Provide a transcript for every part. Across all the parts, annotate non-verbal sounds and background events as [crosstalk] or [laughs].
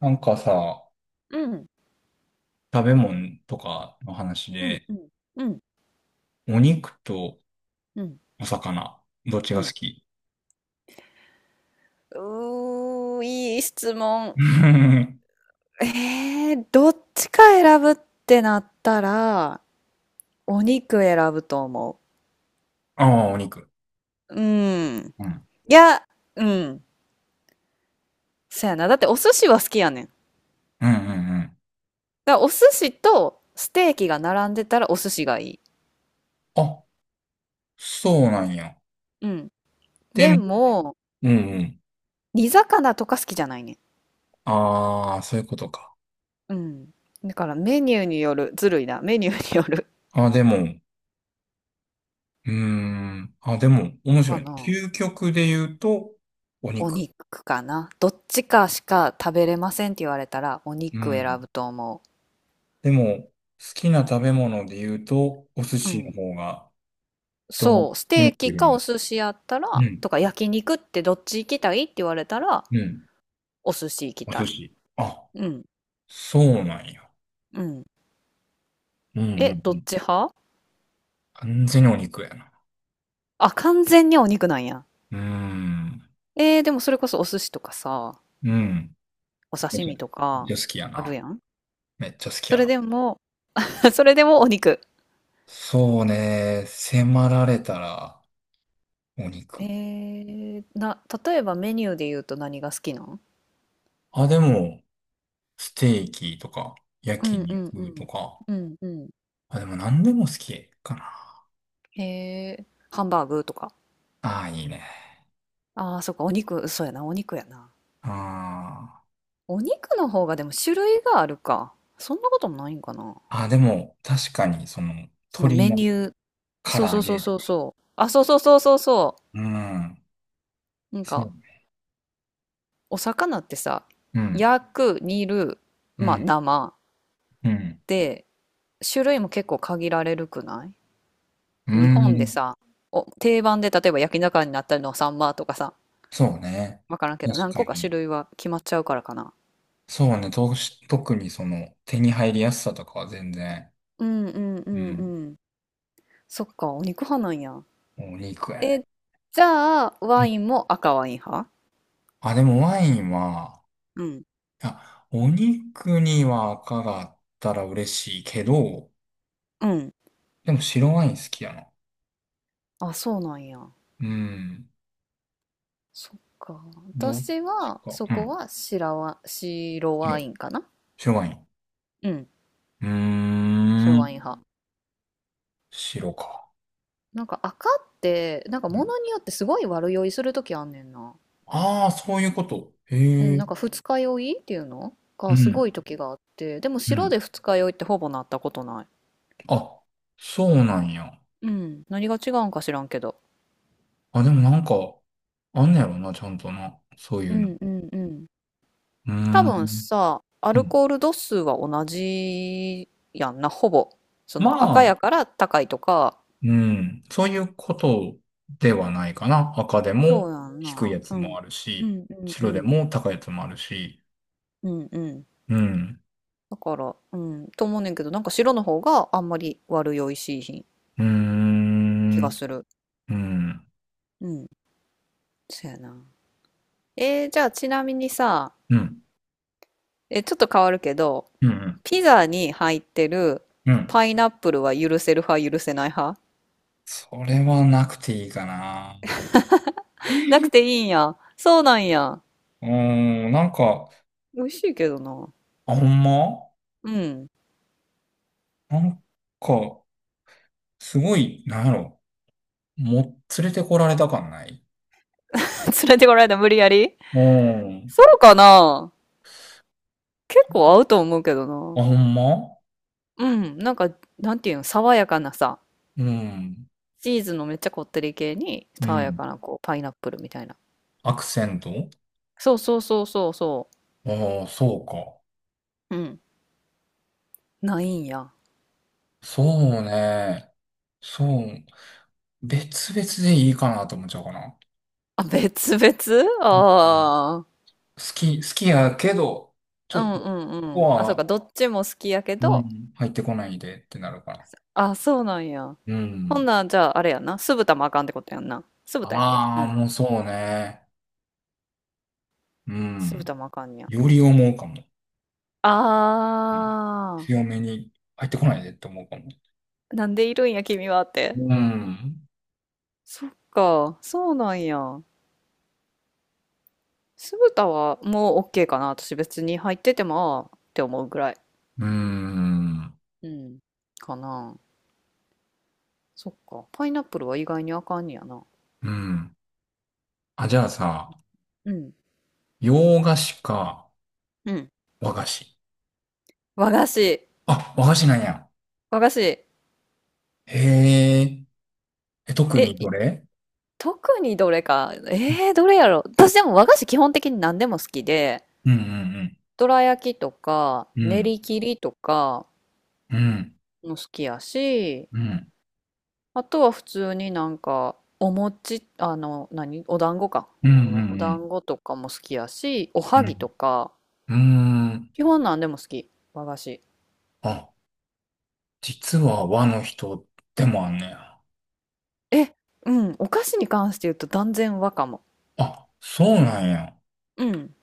なんかさ、うん、食べ物とかの話うん、で、うん、うん、お肉とうん、お魚、どっちうが好ん。き？うーいい質問。うん。 どっちか選ぶってなったら、お肉選ぶと思 [laughs] ああ、お肉。う。うん。うん。いや、うん。そやな。だってお寿司は好きやねん。うんうんうん。だからお寿司とステーキが並んでたらお寿司がいい。あ、そうなんや。うん。ででも、も、うんうん。煮魚とか好きじゃないねん。ああ、そういうことか。うん。だからメニューによる。ずるいな。メニューによる。あ、でも、うーん。あ、でも、面白かいね。な。究極で言うと、おお肉。肉かな。どっちかしか食べれませんって言われたら、おう肉選ん。ぶと思でも、好きな食べ物で言うと、お寿う。う司のん。方が、どのおそう、ステー肉キよりかおも。寿司やったら、うん。とか焼肉ってどっち行きたいって言われたら、うん。お寿司行きおたい。寿司。あ、うん、そうなんや。うん。うんうんうえ、どっん。ち派？完全にお肉やな。あ、完全にお肉なんや。うーん。えー、でもそれこそお寿司とかさ、うん。おめっ刺ちゃ身とめっちか、ゃ好きやあるな。やん。めっちゃ好きそやれな。でも、[laughs] それでもお肉。そうね。迫られたら、おえ肉。ー、な、例えばメニューで言うと何が好きなん？あ、でも、ステーキとか、う焼んうんう肉とん。か。うんうん。あ、でも何でも好きかな。へえ、ハンバーグとか。ああ、いいね。ああ、そっか、お肉、そうやな、お肉やな。あお肉の方がでも種類があるか。そんなこともないんかな。あ。あ、でも、確かに、その、その鶏メのニュー。唐そうそ揚うそうげとそか。うそう。あ、そうそうそうそうそうん。う。なんそか、う。お魚ってさ、うん。焼く、煮る、うまあ、ん。生うん。で、種類も結構限られるくなうい？日本でん。さ、お、定番で例えば焼き魚になったりのサンマとかさ、そうね。わからんけど、確何か個か種に。類は決まっちゃうからかな。そうね。特にその手に入りやすさとかは全然、うんうんううんうん。ん。そっか、お肉派なんや。お肉やえ、ね。じゃあ、うワん、インも赤ワイン派？あ、でもワインは、うん。あ、お肉には赤があったら嬉しいけど、うん。でも白ワイン好きやな。あ、そうなんや。うん。そっか。どっ私ちは、か。そうこん。は白ワ白。インかな。白ワイン。うん。うー白ん。ワイン派。白か。なんか赤って、なんか物によってすごい悪酔いするときあんねんな。ああー、そういうこと。うへん、え。なんか二日酔いっていうのうがすごいん。時があって、でもう白ん。で二日酔いってほぼなったことない。あ、そうなんや。うん。何が違うんか知らんけど。あ、でもなんか、あんねやろな、ちゃんとな。そういううの。うんうんうん。ー多分ん。さ、アうルん、コール度数は同じやんな、ほぼ。そまのあ、赤やから高いとか。うん。そういうことではないかな。赤でそもうやん低な。いやつうもん。あるうし、んうんう白でん。も高いやつもあるし。うんうん。うん。だから、うん、と思うねんけど、なんか白の方があんまり悪酔いしいひんうー気がん。する。うん。うん。そうやな。えー、じゃあちなみにさ、うん。え、ちょっと変わるけど、うん。ピザに入ってるうん。パイナップルは許せる？それはなくていいかな。うーん。なんか、あ、ほんまなんか、すごい、なんやろ。連れてこられた感ない？連れてこられた無理やり。うん。そうかな？結構合うと思うけどあ、な。ほんま？うん、なんか、なんていうの、爽やかなさ、うん。チーズのめっちゃこってり系に、う爽やん。かなこう、パイナップルみたいな。アクセント。そうそうそうそうそああ、そうか。う。うん、ないんや。そうね。そう。別々でいいかなと思っちゃうかな。あ、別々うん。ああー。好きやけど、ちょうっんと、こうんこうん。あ、そうか、は、どっちも好きやけうど、ん、入ってこないでってなるから。あ、そうなんや。うほんん。なん、じゃあ、あれやな。酢豚もあかんってことやんな。酢豚やっけ？うああ、ん。もうそうね。う酢ん。豚もあかんや。より思うかも。うん。あ強めに入ってこないでって思うかも。あ。なんでいるんや、君はって。うん。そっか、そうなんや。酢豚はもう OK かな。私別に入っててもああって思うぐらい。うん。うん。かな。そっか。パイナップルは意外にあかんねやな。うん。あ、じゃあさ、うん。洋菓子かうん。和菓子？和菓子。あ、和菓子なんや。和菓子。へええ。特え、にいどれ？特にどれか。えー、どれやろ。私でも和菓子基本的に何でも好きで、うんうんどら焼きとか、う練ん。り切りとかうん。うん。も好きやし、うん。あとは普通になんか、お餅、あの、何お団子か。うごんうめんごめん。おん団子とかも好きやし、おうはぎとん。か、うん。うーん。基本なんでも好き。和菓子。あ、実は和の人でもあんねや。え、うん。お菓子に関して言うと断然和かも。あ、そうなんや。うん。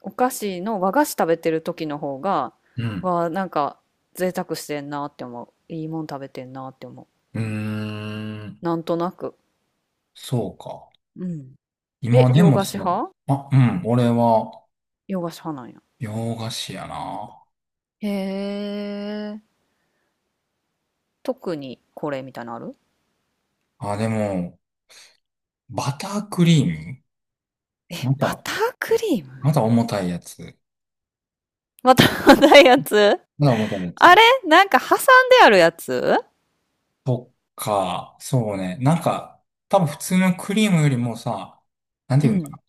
お菓子の和菓子食べてる時の方が、うん。わ、なんか、贅沢してんなって思う。いいもん食べてんなって思う。うーん。なんとなく。そうか。うん。今え、で洋も菓さ、子派？あ、うん。俺は洋菓子派なんや。洋菓子やな。へえ。特にこれみたいなのある？あ、でも、バタークリーム。え、まバた、タークリーまム？た重たいやつ。またないやつ？まだ持たないやあつ。れなんか挟んであるやつ？そっか、そうね。なんか、多分普通のクリームよりもさ、なんてういうんかん。な。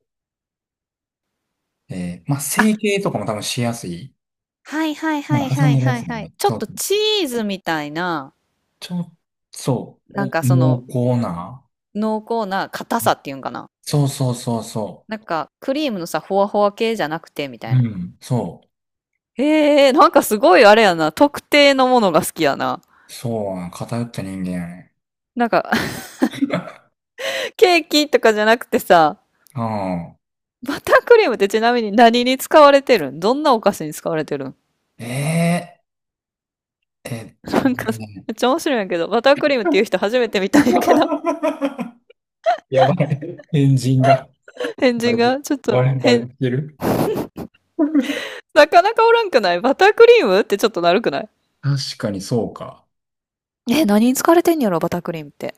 まあ、成あ、形とかも多分しやすい。はいはいはなんいか挟んはいでるやはいつだはい。ね。ちょっそう。とチーズみたいな、ちょ、そう、なんお、かそ濃の厚な。濃厚な硬うさん、っていうんかな。そうそうそうそなんかクリームのさ、ほわほわ系じゃなくてみたう。いうな。ん、そへえ、なんかすごいあれやな。特定のものが好きやな。う。そうな、偏った人間やね。なんか、[laughs] ケーキとかじゃなくてさ、うバタークリームってちなみに何に使われてるん？どんなお菓子に使われてるん？ん。ー、えなんか、めっちゃ面白いんやけど、バタークリームっていう人初めて見ー、たんやけど、[laughs] やばい。エンジンが。変バ人レ、がちょっとバレ変。てる？なかなかおらんくない？バタークリームってちょっとなるくない？確かにそうか。え、何に使われてんやろ、バタークリームって。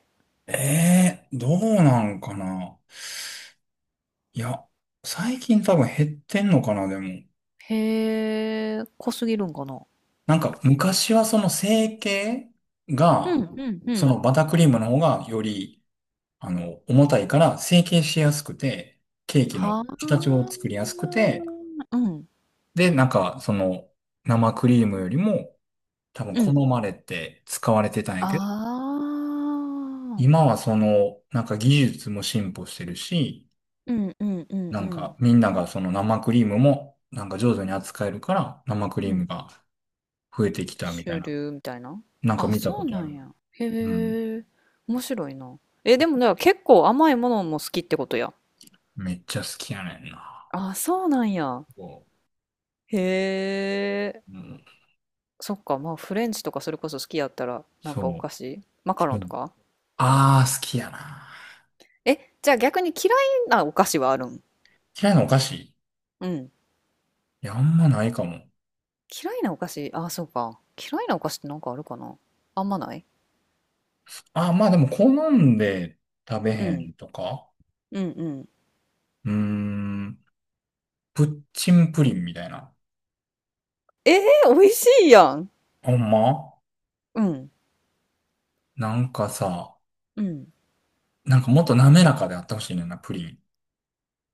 ええー、どうなんかな。いや、最近多分減ってんのかな、でも。へえ、濃すぎるんかな。なんか昔はその成形うん、が、うん、うそん。のバタークリームの方がより、重たいから成形しやすくて、ケーキのは形をあ、作りやすくて、うん、で、なんかその生クリームよりも多分う好ん。まれて使われてたんやけど、ああ、今はその、なんか技術も進歩してるし、うん、うん、うん、なうんか、ん。みんながその生クリームも、なんか上手に扱えるから、生クリうーん。ムが増えてきたみた主いな。流みたいな。なんかあ、見たそこうとあなんるな。や。うん。へえ、面白いな。え、でもね、結構甘いものも好きってことや。めっちゃ好きやねんな。あ、そうなんや。こへえ。う。うん。そっか、まあフレンチとかそれこそ好きやったら、なんそかおう。菓子マカロうンとん、か。ああ、好きやな。え、じゃあ逆に嫌いなお菓子はあるん？嫌いなお菓子？いうん。や、あんまないかも。嫌いなお菓子、ああ、そうか。嫌いなお菓子ってなんかあるかな？あんまない。ああ、まあでも好んで食べうへん。んとか。うんうん。うーん。プッチンプリンみたいな。ええー、美味しいやん。ほんま？うん。なんかさ、うん。なんかもっと滑らかであってほしいねんな、プリン。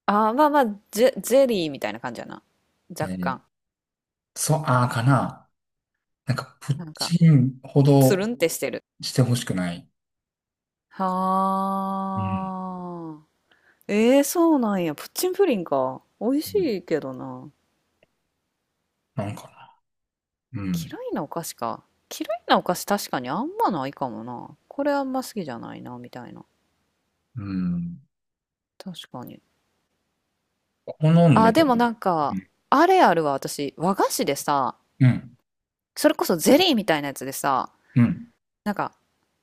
ああ、まあまあ、ゼゼリーみたいな感じやな。え若ー、干。そう、ああかな。なんか、プッなんか、チンほつるどんってしてる。してほしくない。はうん。あ。ええー、そうなんや。プッチンプリンか。美味しうん。いけどな。なんかな。うん。嫌いなお菓子か。嫌いなお菓子確かにあんまないかもな。これあんま好きじゃないな、みたいな。うん。確かに。好んであ、で食もべる。なんうか、ん。あれあるわ、私。和菓子でさ、うん。それこそゼリーみたいなやつでさ、うん。なんか、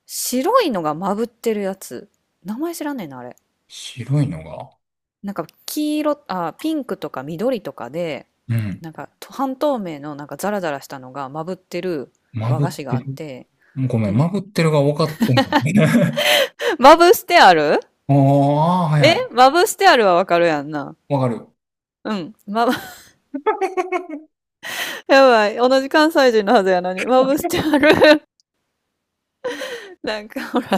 白いのがまぶってるやつ。名前知らねえな、あれ。白いのが、なんか、黄色、あ、ピンクとか緑とかで、うん。なんか、半透明のなんかザラザラしたのがまぶってるま和ぶっ菓子がてあっる。て、ごめうん、ん。まぶってるが多かったんだね。[laughs] まぶしてある。 [laughs] ああ、はいえはい。まぶしてあるはわかるやんな。わかる。うん。ま、[laughs] やばい。同じ関西人のはずやのに。まぶしてある。[laughs] なんか、ほら、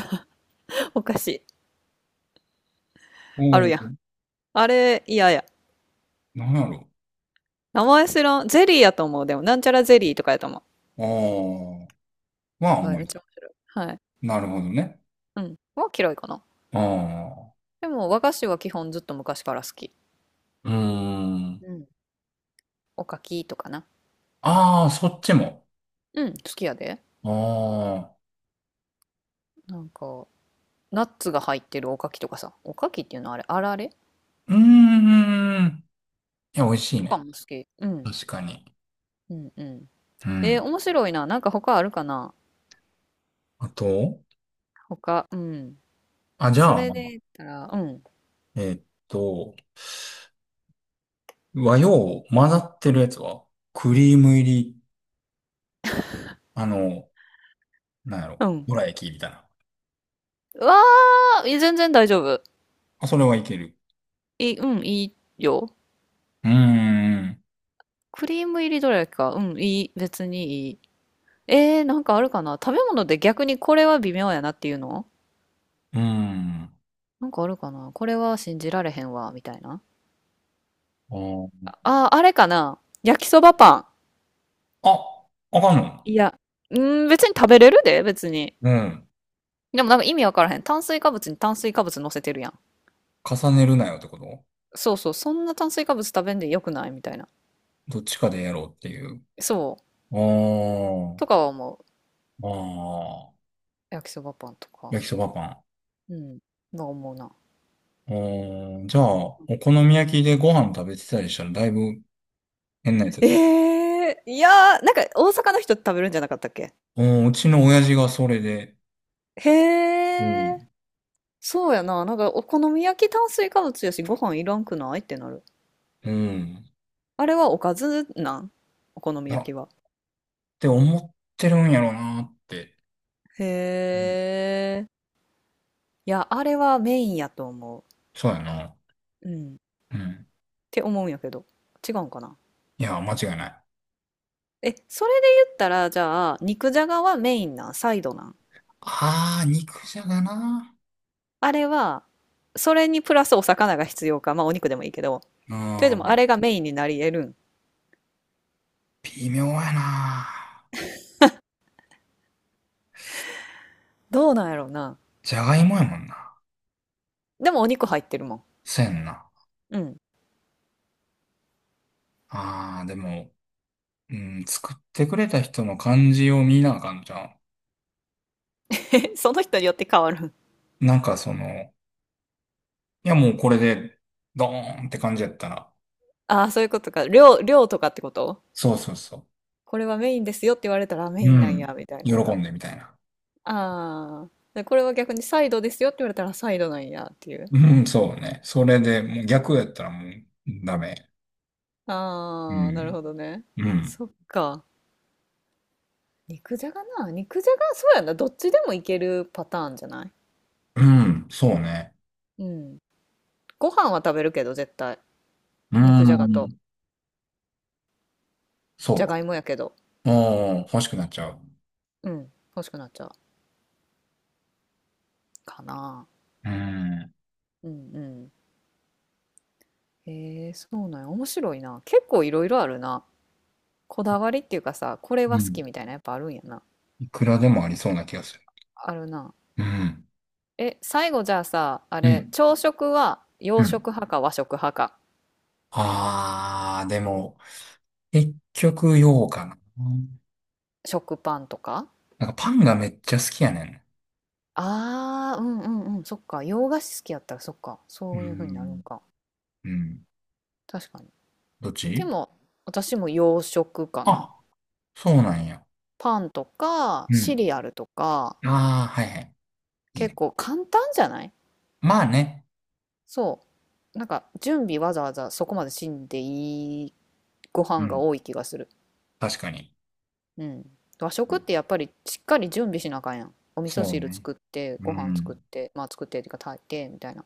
おかしい。うあるやん。ん。あれ、嫌や。なんやろ。名前知らん。ゼリーやと思う。でも、なんちゃらゼリーとかやと思う。ああ。まやあ、あんばい、まめっり。ちゃ面白い。はい。なるほどね。うん。は嫌いかな。ああ。でも、和菓子は基本ずっと昔から好き。うーん。うん。おかきとかな。ああ、そっちも。うん、好きやで。ああ。なんか、ナッツが入ってるおかきとかさ。おかきっていうのはあれ、あられうーん。いや、美味しいとかね。も好き。うん。確かに。うんうん。うえん。ー面白いな。なんか他あるかな？あと、他、うん。あ、じそゃあ、れで言ったら、うん。えーっと、和洋混ざってるやつは、クリーム入り、あの、なんやうろ、ん。どら焼きみたいな。うわー、いや全然大丈夫。あ、それはいける。いい、うん、いいよ。うーん、クリーム入りどれだけか。うん、いい。別にいい。えー、なんかあるかな食べ物で逆にこれは微妙やなっていうの？うーん。なんかあるかな？これは信じられへんわ、みたいな。あー、あれかな焼きそばパン。あ、ああかんの？いや、うん、別に食べれるで、別に。うん。でもなんか意味わからへん。炭水化物に炭水化物乗せてるやん。重ねるなよってこと？そうそう、そんな炭水化物食べんでよくない？みたいな。どっちかでやろうっていう。そう。あー、とかは思う。あー、焼きそばパンとか。焼きそばパン。あうん。は思うな。ー、じゃあ、お好み焼きでご飯食べてたりしたらだいぶ変なやつだえと思えいやー、なんか大阪の人食べるんじゃなかったっけ？う。うん、うちの親父がそれで、へうえ、ん。そうやな。なんかお好み焼き炭水化物やし、ご飯いらんくないってなる。うん。あれはおかずなん？お好みいや焼っきは。て思ってるんやろうなって。うへん、え、いや、あれはメインやと思そうやな。う。うん。っうん。て思うんやけど。違うんかな。いや、間違いない。え、それで言ったら、じゃあ、肉じゃがはメインなんサイドなん？あー、肉じゃがな。あれは、それにプラスお魚が必要か。まあお肉でもいいけど。うというでもあん。れがメインになり得るん？微妙やな。どうなんやろうな。じゃがいもやもんな。でもお肉入ってるもん。せんな。うん。あー、でも、うん、作ってくれた人の感じを見なあかんじゃん。[laughs] え、その人によって変わる？なんかその、いやもうこれで、ドーンって感じやったら。ああ、そういうことか。量、量とかってこと？そうそうそこれはメインですよって言われたらあメう。イうンなんん。や、みたい喜な。んでみたいな。ああ。で、これは逆にサイドですよって言われたらサイドなんやっていう。うん、そうね。それで、もう逆やったらもうダメ。うああ、なるん。ほどね。うん。そっか。肉じゃがな。肉じゃが、そうやな。どっちでもいけるパターンじゃない？うん、そうね。うん。ご飯は食べるけど、絶対。う肉じゃがと。ん。そじうゃか。がいもやけど。うん、欲しくなっちゃう。うん。欲しくなっちゃう。かな。うん。うんうん。へえ、そうなんや。面白いな。結構いろいろあるな。こだわりっていうかさ、これうは好ん。きみたいなやっぱあるんやな。いくらでもありそうな気がする。あるな。うん。え、最後じゃあさ、あうれ、ん。朝食はう洋ん。食派か和食派か。あー、でも、結局、ようかな。食パンとか？なんかパンがめっちゃ好きやねああうんうんうん。そっか。洋菓子好きやったらそっか。ん。そうういう風になるん。んか。うん。確かに。どっでちも、私も洋食かな。あ、そうなんや。パンとか、うシん。リアルとか、あー、はいはい。いい結ね。構簡単じゃない？まあね。そう。なんか準備わざわざそこまでしんでい。ごう飯がん。多い気がする。確かに。うん。和食ってやっぱりしっかり準備しなあかんやん。お味そ噌う汁ね。作って、うご飯作っん。て、まあ作ってっていうか炊いてみたいな。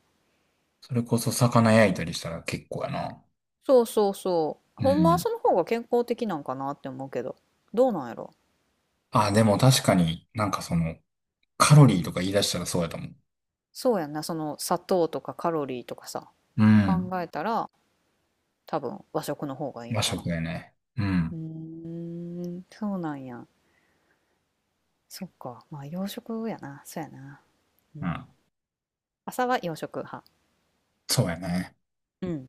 それこそ魚焼いたりしたら結構やな。そうそうそう。うほんまはそん。の方が健康的なんかなって思うけど、どうなんやろ。あ、でも確かになんかその、カロリーとか言い出したらそうやと思う。そうやんな、その砂糖とかカロリーとかさ、う考ん。えたら多分和食の方がいい和んかな。食やね。ううん。ーん、そうなんや。そっか。まあ洋食やな。そうやな。ううん。ん。朝は洋食派。そうやね。うん。